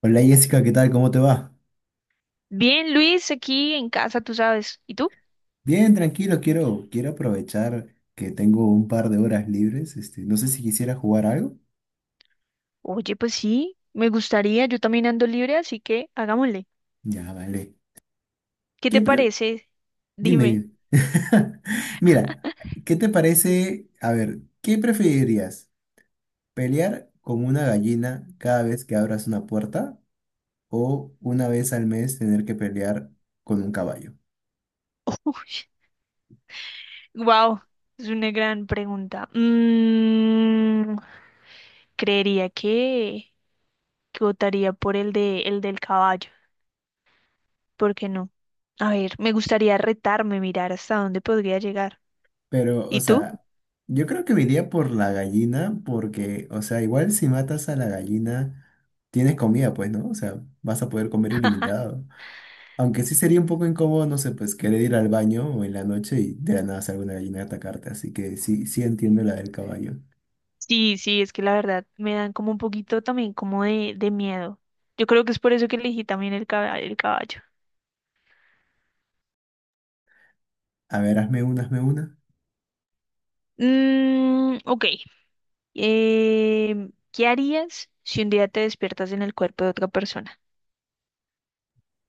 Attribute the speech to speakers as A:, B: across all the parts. A: Hola Jessica, ¿qué tal? ¿Cómo te va?
B: Bien, Luis, aquí en casa, tú sabes. ¿Y tú?
A: Bien, tranquilo, quiero aprovechar que tengo un par de horas libres. Este, no sé si quisiera jugar algo.
B: Oye, pues sí, me gustaría, yo también ando libre, así que hagámosle.
A: Ya, vale.
B: ¿Qué
A: ¿Qué
B: te
A: pre-
B: parece?
A: Dime,
B: Dime.
A: dime. Mira, ¿qué te parece? A ver, ¿qué preferirías? ¿Pelear con una gallina cada vez que abras una puerta o una vez al mes tener que pelear con un caballo?
B: Wow, es una gran pregunta. Creería que votaría por el de el del caballo. ¿Por qué no? A ver, me gustaría retarme, mirar hasta dónde podría llegar.
A: Pero, o
B: ¿Y tú?
A: sea, yo creo que me iría por la gallina porque, o sea, igual si matas a la gallina, tienes comida, pues, ¿no? O sea, vas a poder comer ilimitado. Aunque sí sería un poco incómodo, no sé, pues querer ir al baño o en la noche y de la nada salga una gallina a atacarte. Así que sí, sí entiendo la del caballo.
B: Sí, sí, es que la verdad me dan como un poquito también como de miedo. Yo creo que es por eso que elegí también el el caballo.
A: A ver, hazme una.
B: Mm, ok. ¿Qué harías si un día te despiertas en el cuerpo de otra persona?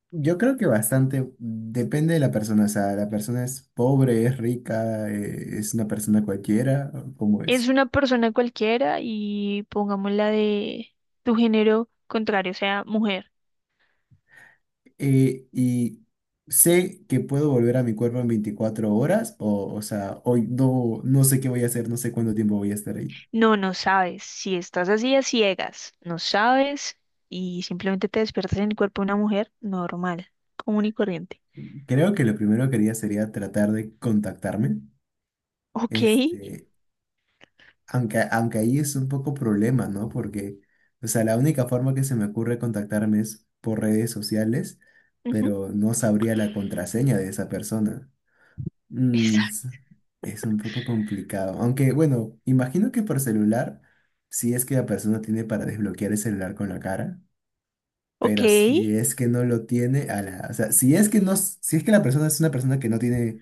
A: Yo creo que bastante depende de la persona. O sea, la persona es pobre, es rica, es una persona cualquiera, ¿cómo
B: Es
A: es?
B: una persona cualquiera y pongámosla de tu género contrario, o sea, mujer.
A: Eh, y sé que puedo volver a mi cuerpo en 24 horas, o sea, hoy no, no sé qué voy a hacer, no sé cuánto tiempo voy a estar ahí.
B: No, no sabes. Si estás así a ciegas, no sabes y simplemente te despiertas en el cuerpo de una mujer normal, común y corriente.
A: Creo que lo primero que haría sería tratar de contactarme,
B: Ok.
A: este, aunque ahí es un poco problema, ¿no? Porque, o sea, la única forma que se me ocurre contactarme es por redes sociales,
B: Ujú.
A: pero no sabría la contraseña de esa persona. Mm, es,
B: Exacto.
A: es un poco complicado. Aunque, bueno, imagino que por celular, si es que la persona tiene para desbloquear el celular con la cara,
B: Ok.
A: pero si es que no lo tiene, a la, o sea, si es que no, si es que la persona es una persona que no tiene,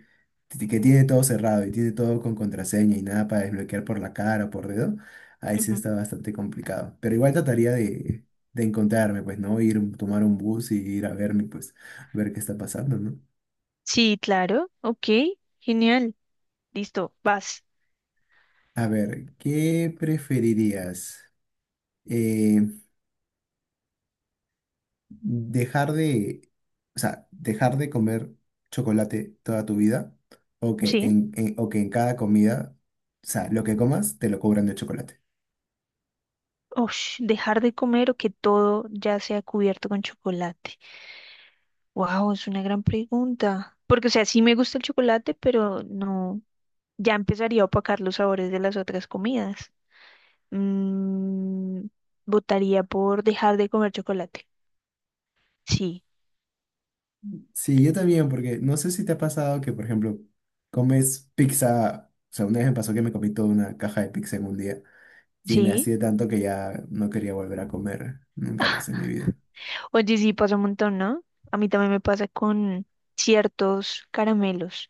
A: que tiene todo cerrado y tiene todo con contraseña y nada para desbloquear por la cara o por dedo, ahí sí
B: Ujú.
A: está bastante complicado. Pero igual trataría de encontrarme, pues, ¿no? Ir, tomar un bus y ir a verme, pues, ver qué está pasando, ¿no?
B: Sí, claro. Ok. Genial. Listo. Vas.
A: A ver, ¿qué preferirías? Eh, dejar de, o sea, dejar de comer chocolate toda tu vida o que
B: Sí.
A: o que en cada comida, o sea, lo que comas te lo cobran de chocolate.
B: Ush, dejar de comer o que todo ya sea cubierto con chocolate. Wow, es una gran pregunta. Porque, o sea, sí me gusta el chocolate, pero no, ya empezaría a opacar los sabores de las otras comidas. Mm, votaría por dejar de comer chocolate. Sí,
A: Sí, yo también, porque no sé si te ha pasado que, por ejemplo, comes pizza, o sea, una vez me pasó que me comí toda una caja de pizza en un día y me
B: sí.
A: hacía tanto que ya no quería volver a comer nunca más en mi vida.
B: Oye, sí, pasa un montón, ¿no? A mí también me pasa con ciertos caramelos,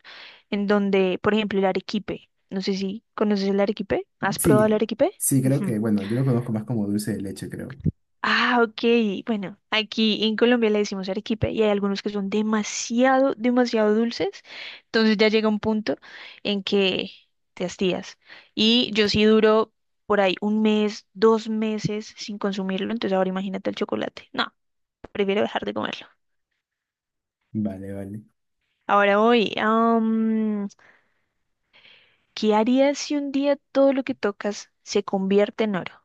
B: en donde, por ejemplo, el arequipe. No sé si conoces el arequipe. ¿Has probado el
A: Sí,
B: arequipe?
A: sí, creo
B: Ujú.
A: que, bueno, yo lo conozco más como dulce de leche, creo.
B: Ah, ok. Bueno, aquí en Colombia le decimos arequipe y hay algunos que son demasiado, demasiado dulces. Entonces ya llega un punto en que te hastías. Y yo sí duro por ahí un mes, 2 meses sin consumirlo. Entonces ahora imagínate el chocolate. No, prefiero dejar de comerlo.
A: Vale, vale.
B: Ahora voy. ¿Qué harías si un día todo lo que tocas se convierte en oro?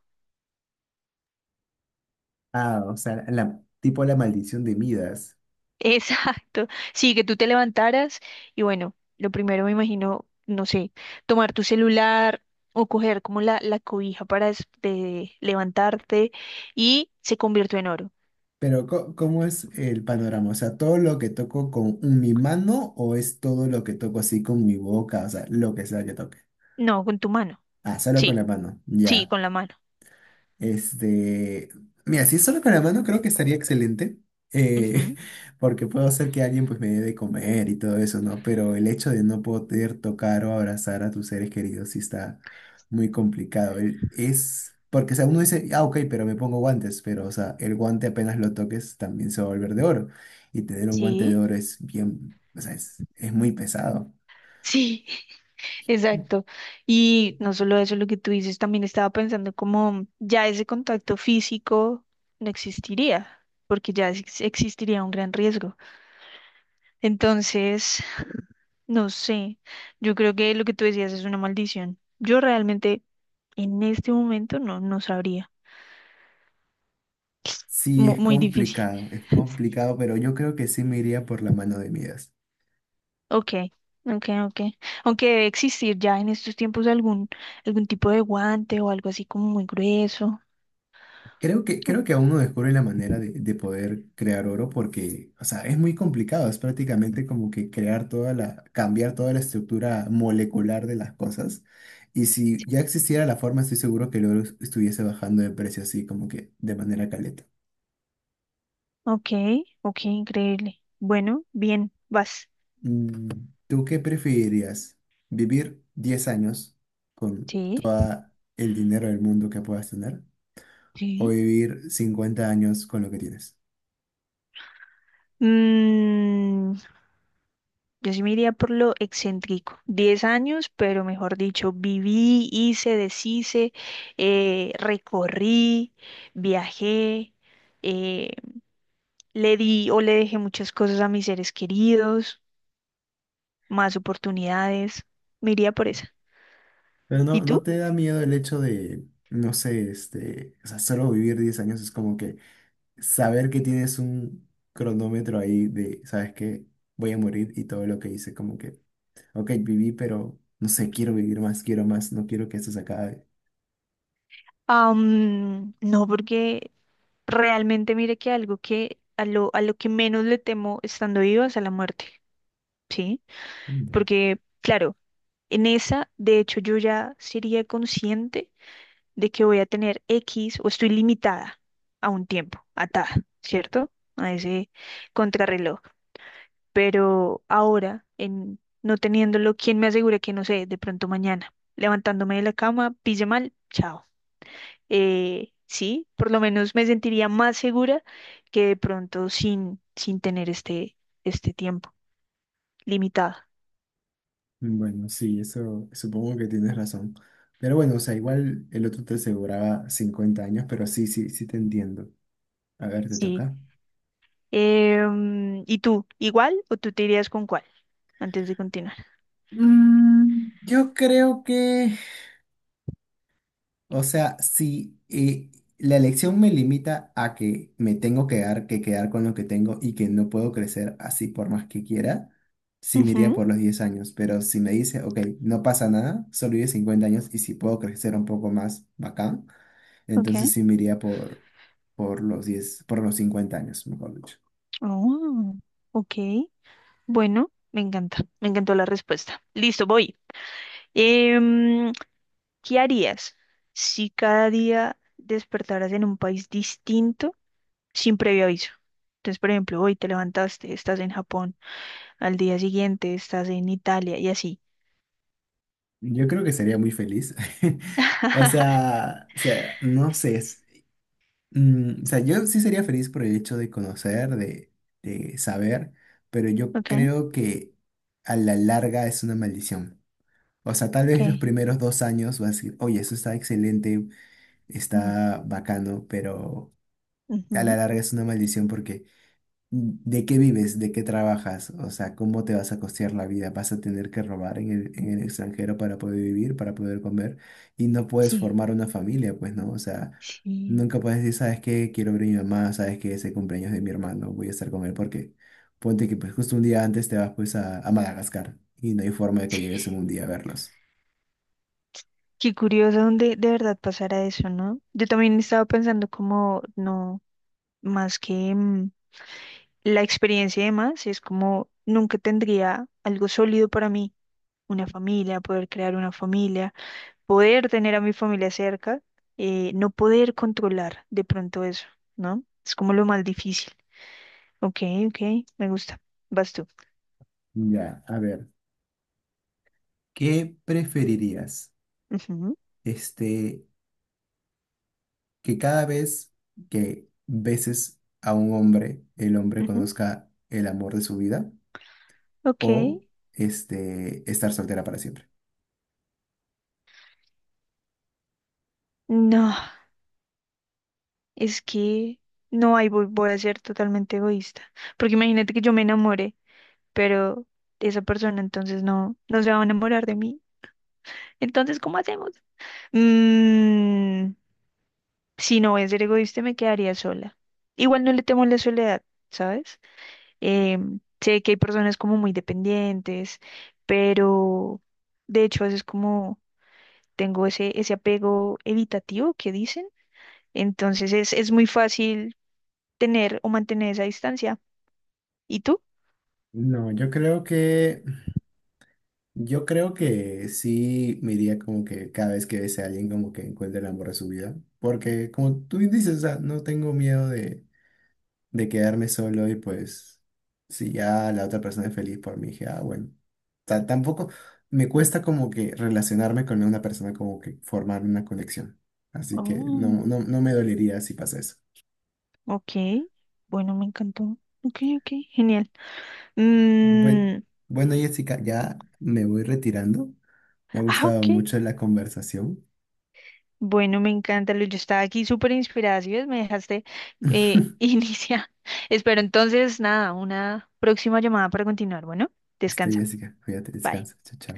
A: Ah, o sea, la, tipo la maldición de Midas.
B: Exacto. Sí, que tú te levantaras y bueno, lo primero me imagino, no sé, tomar tu celular o coger como la cobija para de levantarte y se convirtió en oro.
A: Pero ¿cómo es el panorama? O sea, ¿todo lo que toco con mi mano o es todo lo que toco así con mi boca? O sea, lo que sea que toque.
B: No, con tu mano.
A: Ah, solo con
B: Sí,
A: la mano.
B: sí,
A: Ya.
B: con la mano.
A: Este, mira, si es solo con la mano, creo que estaría excelente, eh,
B: Ujú.
A: porque puedo hacer que alguien pues me dé de comer y todo eso, ¿no? Pero el hecho de no poder tocar o abrazar a tus seres queridos sí está muy complicado. Es, porque o sea, uno dice, ah, ok, pero me pongo guantes, pero o sea, el guante apenas lo toques también se va a volver de oro. Y tener un guante de
B: Sí,
A: oro es bien, o sea, es muy pesado.
B: sí, exacto. Y no solo eso, lo que tú dices, también estaba pensando como ya ese contacto físico no existiría, porque ya existiría un gran riesgo. Entonces. No sé, yo creo que lo que tú decías es una maldición. Yo realmente en este momento no sabría.
A: Sí,
B: Mu- muy difícil.
A: es complicado, pero yo creo que sí me iría por la mano de Midas.
B: Ok, ok, ok. Aunque debe existir ya en estos tiempos algún tipo de guante o algo así como muy grueso.
A: Creo que,
B: O-
A: creo que aún no descubre la manera de poder crear oro porque, o sea, es muy complicado, es prácticamente como que crear toda la, cambiar toda la estructura molecular de las cosas. Y si ya existiera la forma, estoy seguro que el oro estuviese bajando de precio así como que de manera caleta.
B: Ok, ok, increíble. Bueno, bien, vas.
A: Mm, ¿tú qué preferirías? ¿Vivir 10 años con
B: Sí,
A: todo el dinero del mundo que puedas tener o
B: sí.
A: vivir 50 años con lo que tienes?
B: Mm, Yo sí me iría por lo excéntrico. 10 años, pero mejor dicho, viví, hice, deshice, recorrí, viajé, eh, le di o le dejé muchas cosas a mis seres queridos, más oportunidades. Me iría por esa.
A: Pero
B: ¿Y
A: no, no
B: tú?
A: te da miedo el hecho de, no sé, este, o sea, solo vivir 10 años es como que saber que tienes un cronómetro ahí de, ¿sabes qué? Voy a morir y todo lo que hice, como que, ok, viví, pero no sé, quiero vivir más, quiero más, no quiero que esto se acabe.
B: No, porque realmente mire que algo que a lo que menos le temo estando viva es a la muerte, ¿sí?
A: Mm, ya.
B: Porque, claro, en esa, de hecho, yo ya sería consciente de que voy a tener X o estoy limitada a un tiempo, atada, ¿cierto? A ese contrarreloj. Pero ahora, en no teniéndolo, ¿quién me asegura que no sé, de pronto mañana, levantándome de la cama, pille mal, chao? Sí, por lo menos me sentiría más segura que de pronto sin tener este tiempo limitado.
A: Bueno, sí, eso supongo que tienes razón. Pero bueno, o sea, igual el otro te aseguraba 50 años, pero sí, sí, sí te entiendo. A ver, te
B: Sí.
A: toca.
B: ¿Y tú, igual o tú te irías con cuál antes de continuar?
A: Mm, yo creo que o sea, si la elección me limita a que me tengo que dar, que quedar con lo que tengo y que no puedo crecer así por más que quiera, sí me iría
B: Ujú,
A: por los 10 años. Pero si me dice, ok, no pasa nada, solo vive 50 años y si puedo crecer un poco más, bacán,
B: ok.
A: entonces sí me iría por los 10, por los 50 años, mejor dicho.
B: Oh, ok. Bueno, me encanta. Me encantó la respuesta. Listo, voy. Em, ¿qué harías si cada día despertaras en un país distinto sin previo aviso? Entonces, por ejemplo, hoy te levantaste, estás en Japón, al día siguiente estás en Italia y así.
A: Yo creo que sería muy feliz. O sea, no sé. Mm, o sea, yo sí sería feliz por el hecho de conocer, de saber, pero yo
B: Ok,
A: creo que a la larga es una maldición. O sea, tal vez los
B: ok.
A: primeros 2 años vas a decir, oye, eso está excelente,
B: Mm,
A: está bacano, pero a la
B: ujú,
A: larga es una maldición porque ¿de qué vives? ¿De qué trabajas? O sea, ¿cómo te vas a costear la vida? ¿Vas a tener que robar en el extranjero para poder vivir, para poder comer? Y no puedes
B: sí,
A: formar una familia, pues, ¿no? O sea,
B: sí.
A: nunca puedes decir, ¿sabes qué? Quiero ver a mi mamá, ¿sabes qué? Ese cumpleaños de mi hermano, voy a estar con él porque ponte que pues justo un día antes te vas pues a Madagascar y no hay forma de que llegues en un día a verlos.
B: Qué curioso donde de verdad pasara eso, ¿no? Yo también estaba pensando como, no, más que la experiencia y demás es como nunca tendría algo sólido para mí, una familia, poder crear una familia, poder tener a mi familia cerca, no poder controlar de pronto eso, ¿no? Es como lo más difícil. Ok, ok, me gusta. Vas tú.
A: Ya, a ver, ¿qué preferirías?
B: Ujú,
A: Este, que cada vez que beses a un hombre, el hombre
B: ujú,
A: conozca el amor de su vida
B: ok,
A: o este, estar soltera para siempre.
B: no, es que no, hay voy, a ser totalmente egoísta, porque imagínate que yo me enamore, pero esa persona entonces no se va a enamorar de mí. Entonces, ¿cómo hacemos? Mm, si no voy a ser egoísta, me quedaría sola. Igual no le temo la soledad, ¿sabes? Sé que hay personas como muy dependientes, pero de hecho a veces como tengo ese apego evitativo que dicen, entonces es muy fácil tener o mantener esa distancia. ¿Y tú?
A: No, yo creo que sí me iría como que cada vez que bese a alguien como que encuentre el amor de su vida, porque como tú dices, o sea, no tengo miedo de quedarme solo y pues si ya la otra persona es feliz por mí, dije, ah, bueno, tampoco me cuesta como que relacionarme con una persona, como que formar una conexión. Así que
B: Oh,
A: no, no, no me dolería si pasa eso.
B: ok, bueno, me encantó. Ok, ok, genial.
A: Bueno,
B: Mm,
A: bueno, Jessica, ya me voy retirando. Me ha
B: ah,
A: gustado
B: ok,
A: mucho la conversación.
B: bueno, me encanta, Luis. Yo estaba aquí súper inspirada. Si ves, me dejaste iniciar. Espero entonces, nada, una próxima llamada para continuar. Bueno,
A: Listo,
B: descansa.
A: Jessica, cuídate,
B: Bye.
A: descansa. Chao, chao.